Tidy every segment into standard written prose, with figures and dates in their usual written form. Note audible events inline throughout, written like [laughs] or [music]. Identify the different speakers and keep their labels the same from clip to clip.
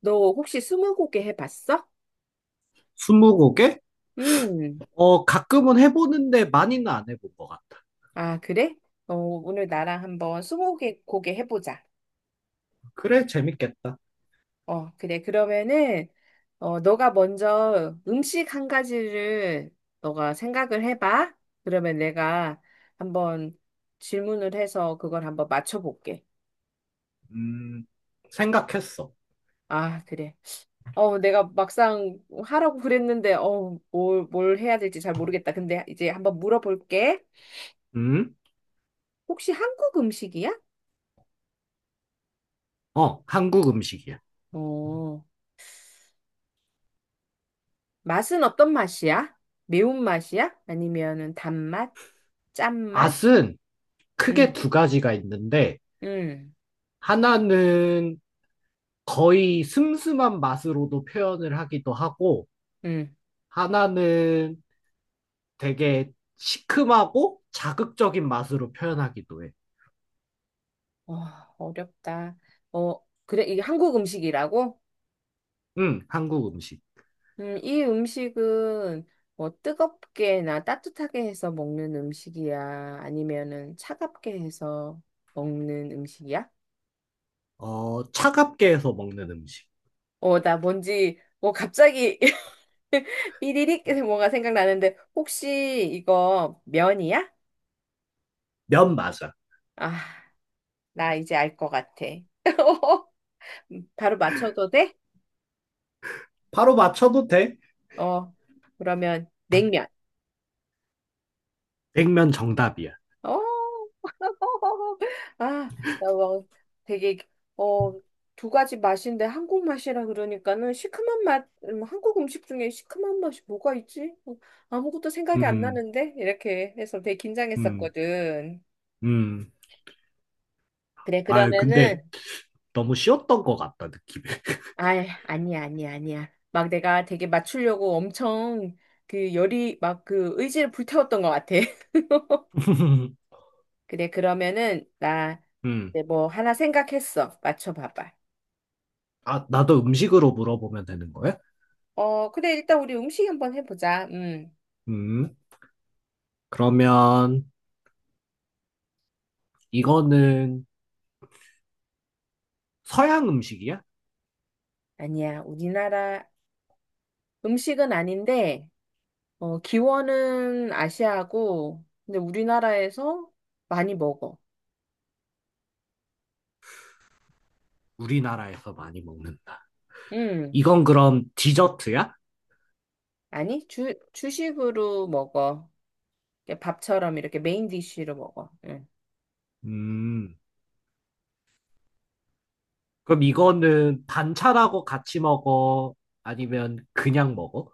Speaker 1: 너 혹시 스무고개 해봤어?
Speaker 2: 스무고개?
Speaker 1: 음,
Speaker 2: 가끔은 해보는데 많이는 안 해본 것 같다.
Speaker 1: 아, 그래? 오늘 나랑 한번 스무고개 고개 해보자.
Speaker 2: 그래, 재밌겠다.
Speaker 1: 어, 그래. 그러면은, 너가 먼저 음식 한 가지를 너가 생각을 해봐. 그러면 내가 한번 질문을 해서 그걸 한번 맞춰볼게.
Speaker 2: 음, 생각했어.
Speaker 1: 아, 그래. 내가 막상 하라고 그랬는데, 뭘 해야 될지 잘 모르겠다. 근데 이제 한번 물어볼게.
Speaker 2: 음?
Speaker 1: 혹시 한국 음식이야?
Speaker 2: 한국 음식이야.
Speaker 1: 어. 맛은 어떤 맛이야? 매운맛이야? 아니면은 단맛? 짠맛?
Speaker 2: 맛은 크게
Speaker 1: 음,
Speaker 2: 두 가지가 있는데,
Speaker 1: 음,
Speaker 2: 하나는 거의 슴슴한 맛으로도 표현을 하기도 하고,
Speaker 1: 음.
Speaker 2: 하나는 되게 시큼하고 자극적인 맛으로 표현하기도 해.
Speaker 1: 와, 어렵다. 어, 그래, 이게 한국 음식이라고?
Speaker 2: 응, 한국 음식.
Speaker 1: 이 음식은 뭐 뜨겁게나 따뜻하게 해서 먹는 음식이야? 아니면은 차갑게 해서 먹는 음식이야?
Speaker 2: 차갑게 해서 먹는 음식.
Speaker 1: 나 뭔지, 갑자기 [laughs] 이리릭 뭔가 생각나는데, 혹시 이거 면이야?
Speaker 2: 면 맞아.
Speaker 1: 아. 나 이제 알 것 같아. [laughs] 바로 맞춰도 돼?
Speaker 2: 바로 맞춰도 돼.
Speaker 1: 어, 그러면 냉면.
Speaker 2: 백면 정답이야.
Speaker 1: 어, [laughs] 아, 나 뭐, 되게, 어, 두 가지 맛인데 한국 맛이라 그러니까는 시큼한 맛, 한국 음식 중에 시큼한 맛이 뭐가 있지? 어, 아무것도 생각이 안
Speaker 2: 음,
Speaker 1: 나는데? 이렇게 해서 되게
Speaker 2: 음,
Speaker 1: 긴장했었거든.
Speaker 2: 음.
Speaker 1: 그래,
Speaker 2: 아,
Speaker 1: 그러면은,
Speaker 2: 근데 너무 쉬웠던 것 같다, 느낌.
Speaker 1: 아, 아니야. 막 내가 되게 맞추려고 엄청 그 열이 막 그 의지를 불태웠던 것 같아.
Speaker 2: [laughs]
Speaker 1: 그래, 그러면은, 나,
Speaker 2: 음.
Speaker 1: 이제 뭐, 하나 생각했어. 맞춰봐봐.
Speaker 2: 아, 나도 음식으로 물어보면 되는 거야?
Speaker 1: 어, 그래, 일단 우리 음식 한번 해보자. 음.
Speaker 2: 음. 그러면 이거는 서양 음식이야?
Speaker 1: 아니야, 우리나라 음식은 아닌데, 기원은 아시아고, 근데 우리나라에서 많이 먹어.
Speaker 2: 우리나라에서 많이 먹는다.
Speaker 1: 음.
Speaker 2: 이건 그럼 디저트야?
Speaker 1: 아니, 주식으로 먹어. 이렇게 밥처럼 이렇게 메인 디쉬로 먹어. 응.
Speaker 2: 음. 그럼 이거는 반찬하고 같이 먹어? 아니면 그냥 먹어?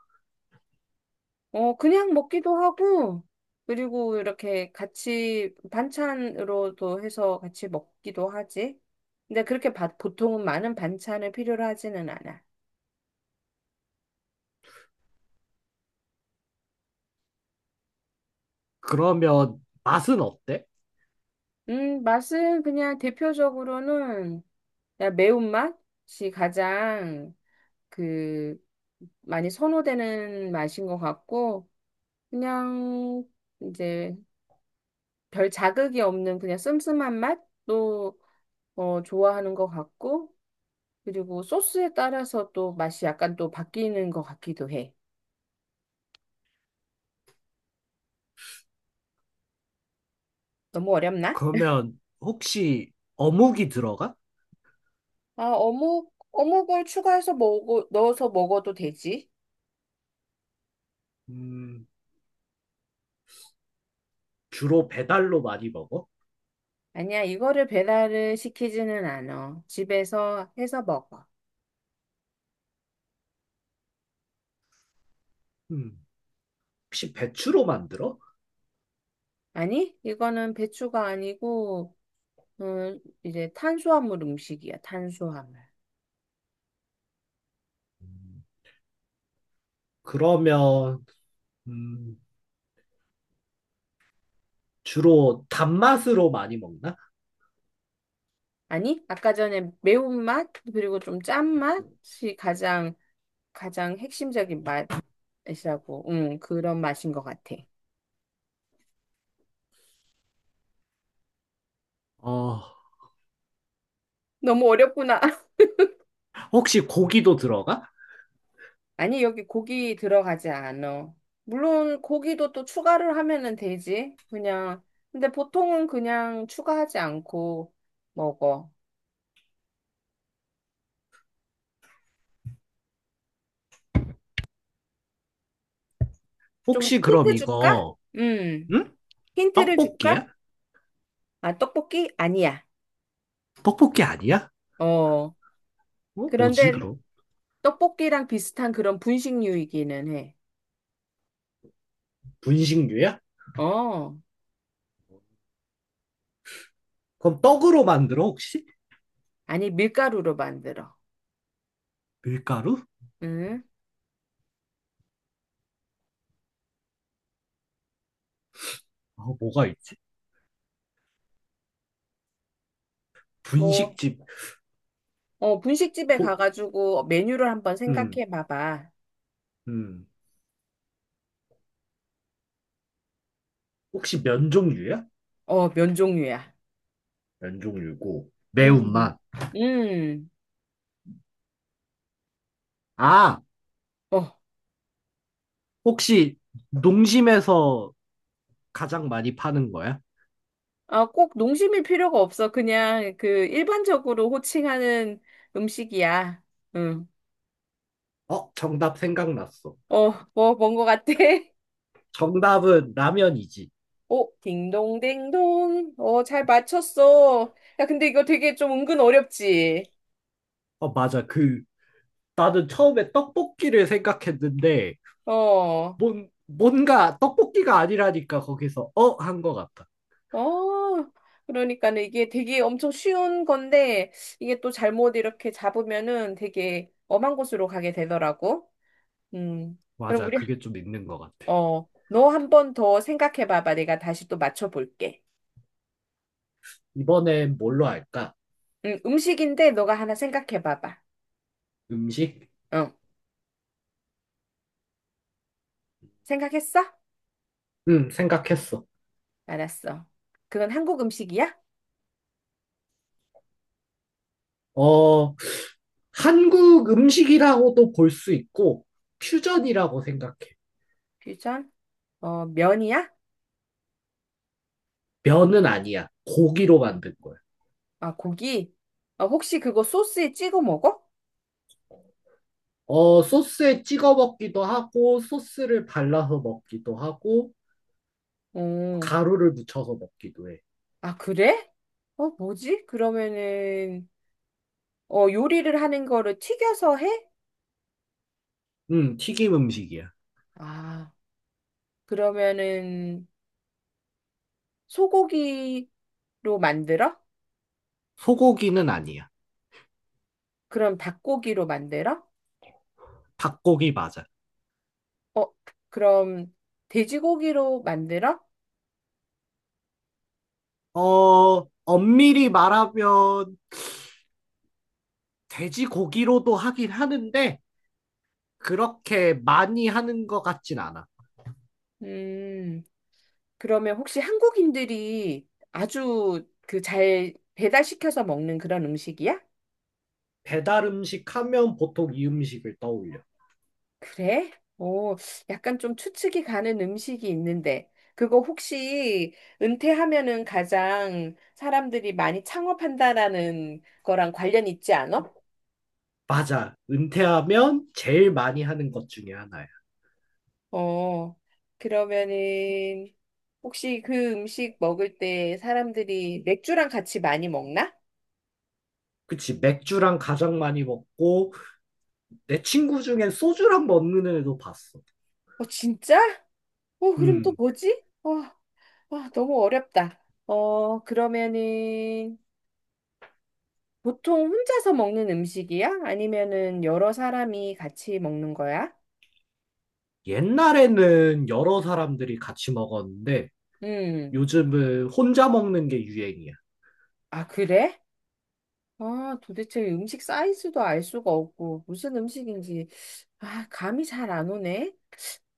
Speaker 1: 어, 그냥 먹기도 하고, 그리고 이렇게 같이 반찬으로도 해서 같이 먹기도 하지. 근데 그렇게 보통은 많은 반찬을 필요로 하지는 않아.
Speaker 2: 그러면 맛은 어때?
Speaker 1: 맛은 그냥 대표적으로는 그냥 매운맛이 가장 그 많이 선호되는 맛인 것 같고, 그냥 이제 별 자극이 없는 그냥 씀씀한 맛도 좋아하는 것 같고, 그리고 소스에 따라서 또 맛이 약간 또 바뀌는 것 같기도 해. 너무 어렵나?
Speaker 2: 그러면 혹시 어묵이 들어가?
Speaker 1: 아, 어묵을 추가해서 먹어, 넣어서 먹어도 되지?
Speaker 2: 음. 주로 배달로 많이 먹어?
Speaker 1: 아니야, 이거를 배달을 시키지는 않아. 집에서 해서 먹어.
Speaker 2: 음. 혹시 배추로 만들어?
Speaker 1: 아니, 이거는 배추가 아니고, 이제 탄수화물 음식이야, 탄수화물.
Speaker 2: 음. 그러면 음, 주로 단맛으로 많이 먹나?
Speaker 1: 아니, 아까 전에 매운맛, 그리고 좀 짠맛이 가장, 가장 핵심적인 맛이라고, 그런 맛인 것 같아.
Speaker 2: 어,
Speaker 1: 너무 어렵구나. [laughs]
Speaker 2: 혹시 고기도 들어가?
Speaker 1: 아니, 여기 고기 들어가지 않아. 물론 고기도 또 추가를 하면은 되지. 그냥. 근데 보통은 그냥 추가하지 않고 먹어. 좀
Speaker 2: 혹시 그럼
Speaker 1: 힌트 줄까?
Speaker 2: 이거
Speaker 1: 음.
Speaker 2: 응?
Speaker 1: 힌트를 줄까?
Speaker 2: 떡볶이야?
Speaker 1: 아, 떡볶이? 아니야.
Speaker 2: 떡볶이 아니야?
Speaker 1: 어.
Speaker 2: 어, 뭐지
Speaker 1: 그런데
Speaker 2: 그럼?
Speaker 1: 떡볶이랑 비슷한 그런 분식류이기는 해.
Speaker 2: 분식류야?
Speaker 1: 어.
Speaker 2: 그럼 떡으로 만들어 혹시?
Speaker 1: 아니, 밀가루로 만들어.
Speaker 2: 밀가루?
Speaker 1: 음.
Speaker 2: 어, 뭐가 있지?
Speaker 1: 뭐,
Speaker 2: 분식집.
Speaker 1: 분식집에
Speaker 2: 포,
Speaker 1: 가가지고 메뉴를 한번
Speaker 2: 음,
Speaker 1: 생각해 봐봐.
Speaker 2: 음. 혹시 면 종류야?
Speaker 1: 어, 면 종류야.
Speaker 2: 면 종류고
Speaker 1: 음,
Speaker 2: 매운맛.
Speaker 1: 음,
Speaker 2: 아,
Speaker 1: 어.
Speaker 2: 혹시 농심에서 가장 많이 파는 거야?
Speaker 1: 아, 꼭 농심일 필요가 없어. 그냥 그 일반적으로 호칭하는 음식이야. 응.
Speaker 2: 어, 정답 생각났어.
Speaker 1: 어, 뭔 것 같아? [laughs]
Speaker 2: 정답은 라면이지.
Speaker 1: 오, 딩동댕동. 어, 잘 맞췄어. 야, 근데 이거 되게 좀 은근 어렵지?
Speaker 2: 어, 맞아. 그, 나는 처음에 떡볶이를 생각했는데,
Speaker 1: 어,
Speaker 2: 뭔가 떡볶이가 아니라니까 거기서 어? 한 거 같아.
Speaker 1: 어. 그러니까는 이게 되게 엄청 쉬운 건데, 이게 또 잘못 이렇게 잡으면은 되게 엄한 곳으로 가게 되더라고. 음. 그럼
Speaker 2: 맞아.
Speaker 1: 우리
Speaker 2: 그게 좀 있는 거 같아.
Speaker 1: 너 한번 더 생각해 봐봐. 내가 다시 또 맞춰볼게.
Speaker 2: 이번엔 뭘로 할까?
Speaker 1: 음식인데 너가 하나 생각해 봐봐.
Speaker 2: 음식?
Speaker 1: 응. 생각했어?
Speaker 2: 응, 생각했어.
Speaker 1: 알았어. 그건 한국 음식이야?
Speaker 2: 어, 한국 음식이라고도 볼 수 있고, 퓨전이라고 생각해.
Speaker 1: 퓨전? 어, 면이야?
Speaker 2: 면은 아니야. 고기로 만든 거야.
Speaker 1: 아, 고기? 어, 혹시 그거 소스에 찍어 먹어?
Speaker 2: 어, 소스에 찍어 먹기도 하고, 소스를 발라서 먹기도 하고,
Speaker 1: 음,
Speaker 2: 가루를 묻혀서 먹기도 해.
Speaker 1: 아, 그래? 어, 뭐지? 그러면은, 요리를 하는 거를 튀겨서 해?
Speaker 2: 튀김 음식이야.
Speaker 1: 아, 그러면은, 소고기로 만들어?
Speaker 2: 소고기는 아니야.
Speaker 1: 그럼 닭고기로 만들어?
Speaker 2: 닭고기 맞아.
Speaker 1: 어, 그럼 돼지고기로 만들어?
Speaker 2: 어, 엄밀히 말하면 돼지고기로도 하긴 하는데, 그렇게 많이 하는 것 같진 않아.
Speaker 1: 음, 그러면 혹시 한국인들이 아주 그 잘 배달시켜서 먹는 그런 음식이야?
Speaker 2: 배달 음식 하면 보통 이 음식을 떠올려.
Speaker 1: 그래? 오, 약간 좀 추측이 가는 음식이 있는데, 그거 혹시 은퇴하면은 가장 사람들이 많이 창업한다라는 거랑 관련 있지 않아?
Speaker 2: 맞아. 은퇴하면 제일 많이 하는 것 중에 하나야.
Speaker 1: 어, 그러면은 혹시 그 음식 먹을 때 사람들이 맥주랑 같이 많이 먹나?
Speaker 2: 그치. 맥주랑 가장 많이 먹고, 내 친구 중엔 소주랑 먹는 애도 봤어.
Speaker 1: 어, 진짜? 어, 그럼 또
Speaker 2: 음.
Speaker 1: 뭐지? 어, 아, 너무 어렵다. 어, 그러면은 보통 혼자서 먹는 음식이야? 아니면은 여러 사람이 같이 먹는 거야?
Speaker 2: 옛날에는 여러 사람들이 같이 먹었는데
Speaker 1: 음.
Speaker 2: 요즘은 혼자 먹는 게 유행이야.
Speaker 1: 아, 그래? 아, 도대체 음식 사이즈도 알 수가 없고 무슨 음식인지 아, 감이 잘 안 오네.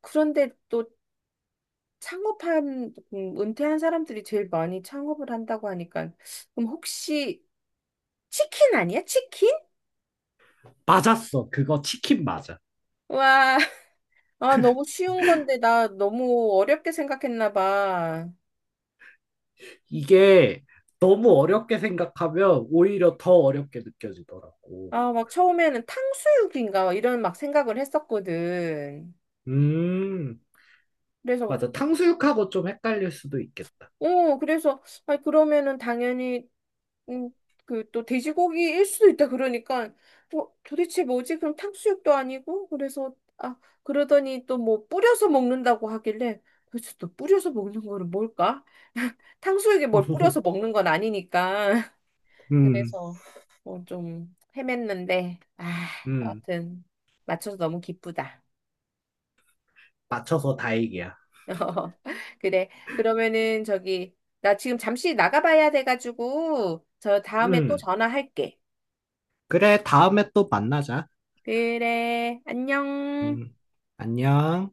Speaker 1: 그런데 또 창업한 은퇴한 사람들이 제일 많이 창업을 한다고 하니까 그럼 혹시 치킨 아니야? 치킨?
Speaker 2: 맞았어. 그거 치킨 맞아.
Speaker 1: 와. 아, 너무 쉬운 건데, 나 너무 어렵게 생각했나 봐.
Speaker 2: 이게 너무 어렵게 생각하면 오히려 더 어렵게 느껴지더라고.
Speaker 1: 아, 막 처음에는 탕수육인가, 이런 막 생각을 했었거든.
Speaker 2: 음.
Speaker 1: 그래서,
Speaker 2: 맞아. 탕수육하고 좀 헷갈릴 수도 있겠다.
Speaker 1: 어, 그래서, 아, 그러면은 당연히, 음, 그 또 돼지고기일 수도 있다. 그러니까, 어, 도대체 뭐지? 그럼 탕수육도 아니고? 그래서, 아, 그러더니 또 뭐 뿌려서 먹는다고 하길래, 도대체 또 뿌려서 먹는 거는 뭘까? 탕수육에 뭘 뿌려서 먹는
Speaker 2: [laughs]
Speaker 1: 건 아니니까.
Speaker 2: 음.
Speaker 1: 그래서 뭐 좀 헤맸는데, 아,
Speaker 2: 음.
Speaker 1: 여하튼 맞춰서 너무 기쁘다.
Speaker 2: 맞춰서 다행이야.
Speaker 1: [laughs] 그래. 그러면은 저기 나 지금 잠시 나가봐야 돼가지고 저 다음에 또
Speaker 2: 음.
Speaker 1: 전화할게.
Speaker 2: 그래, 다음에 또 만나자.
Speaker 1: 그래. 안녕.
Speaker 2: 음. 안녕.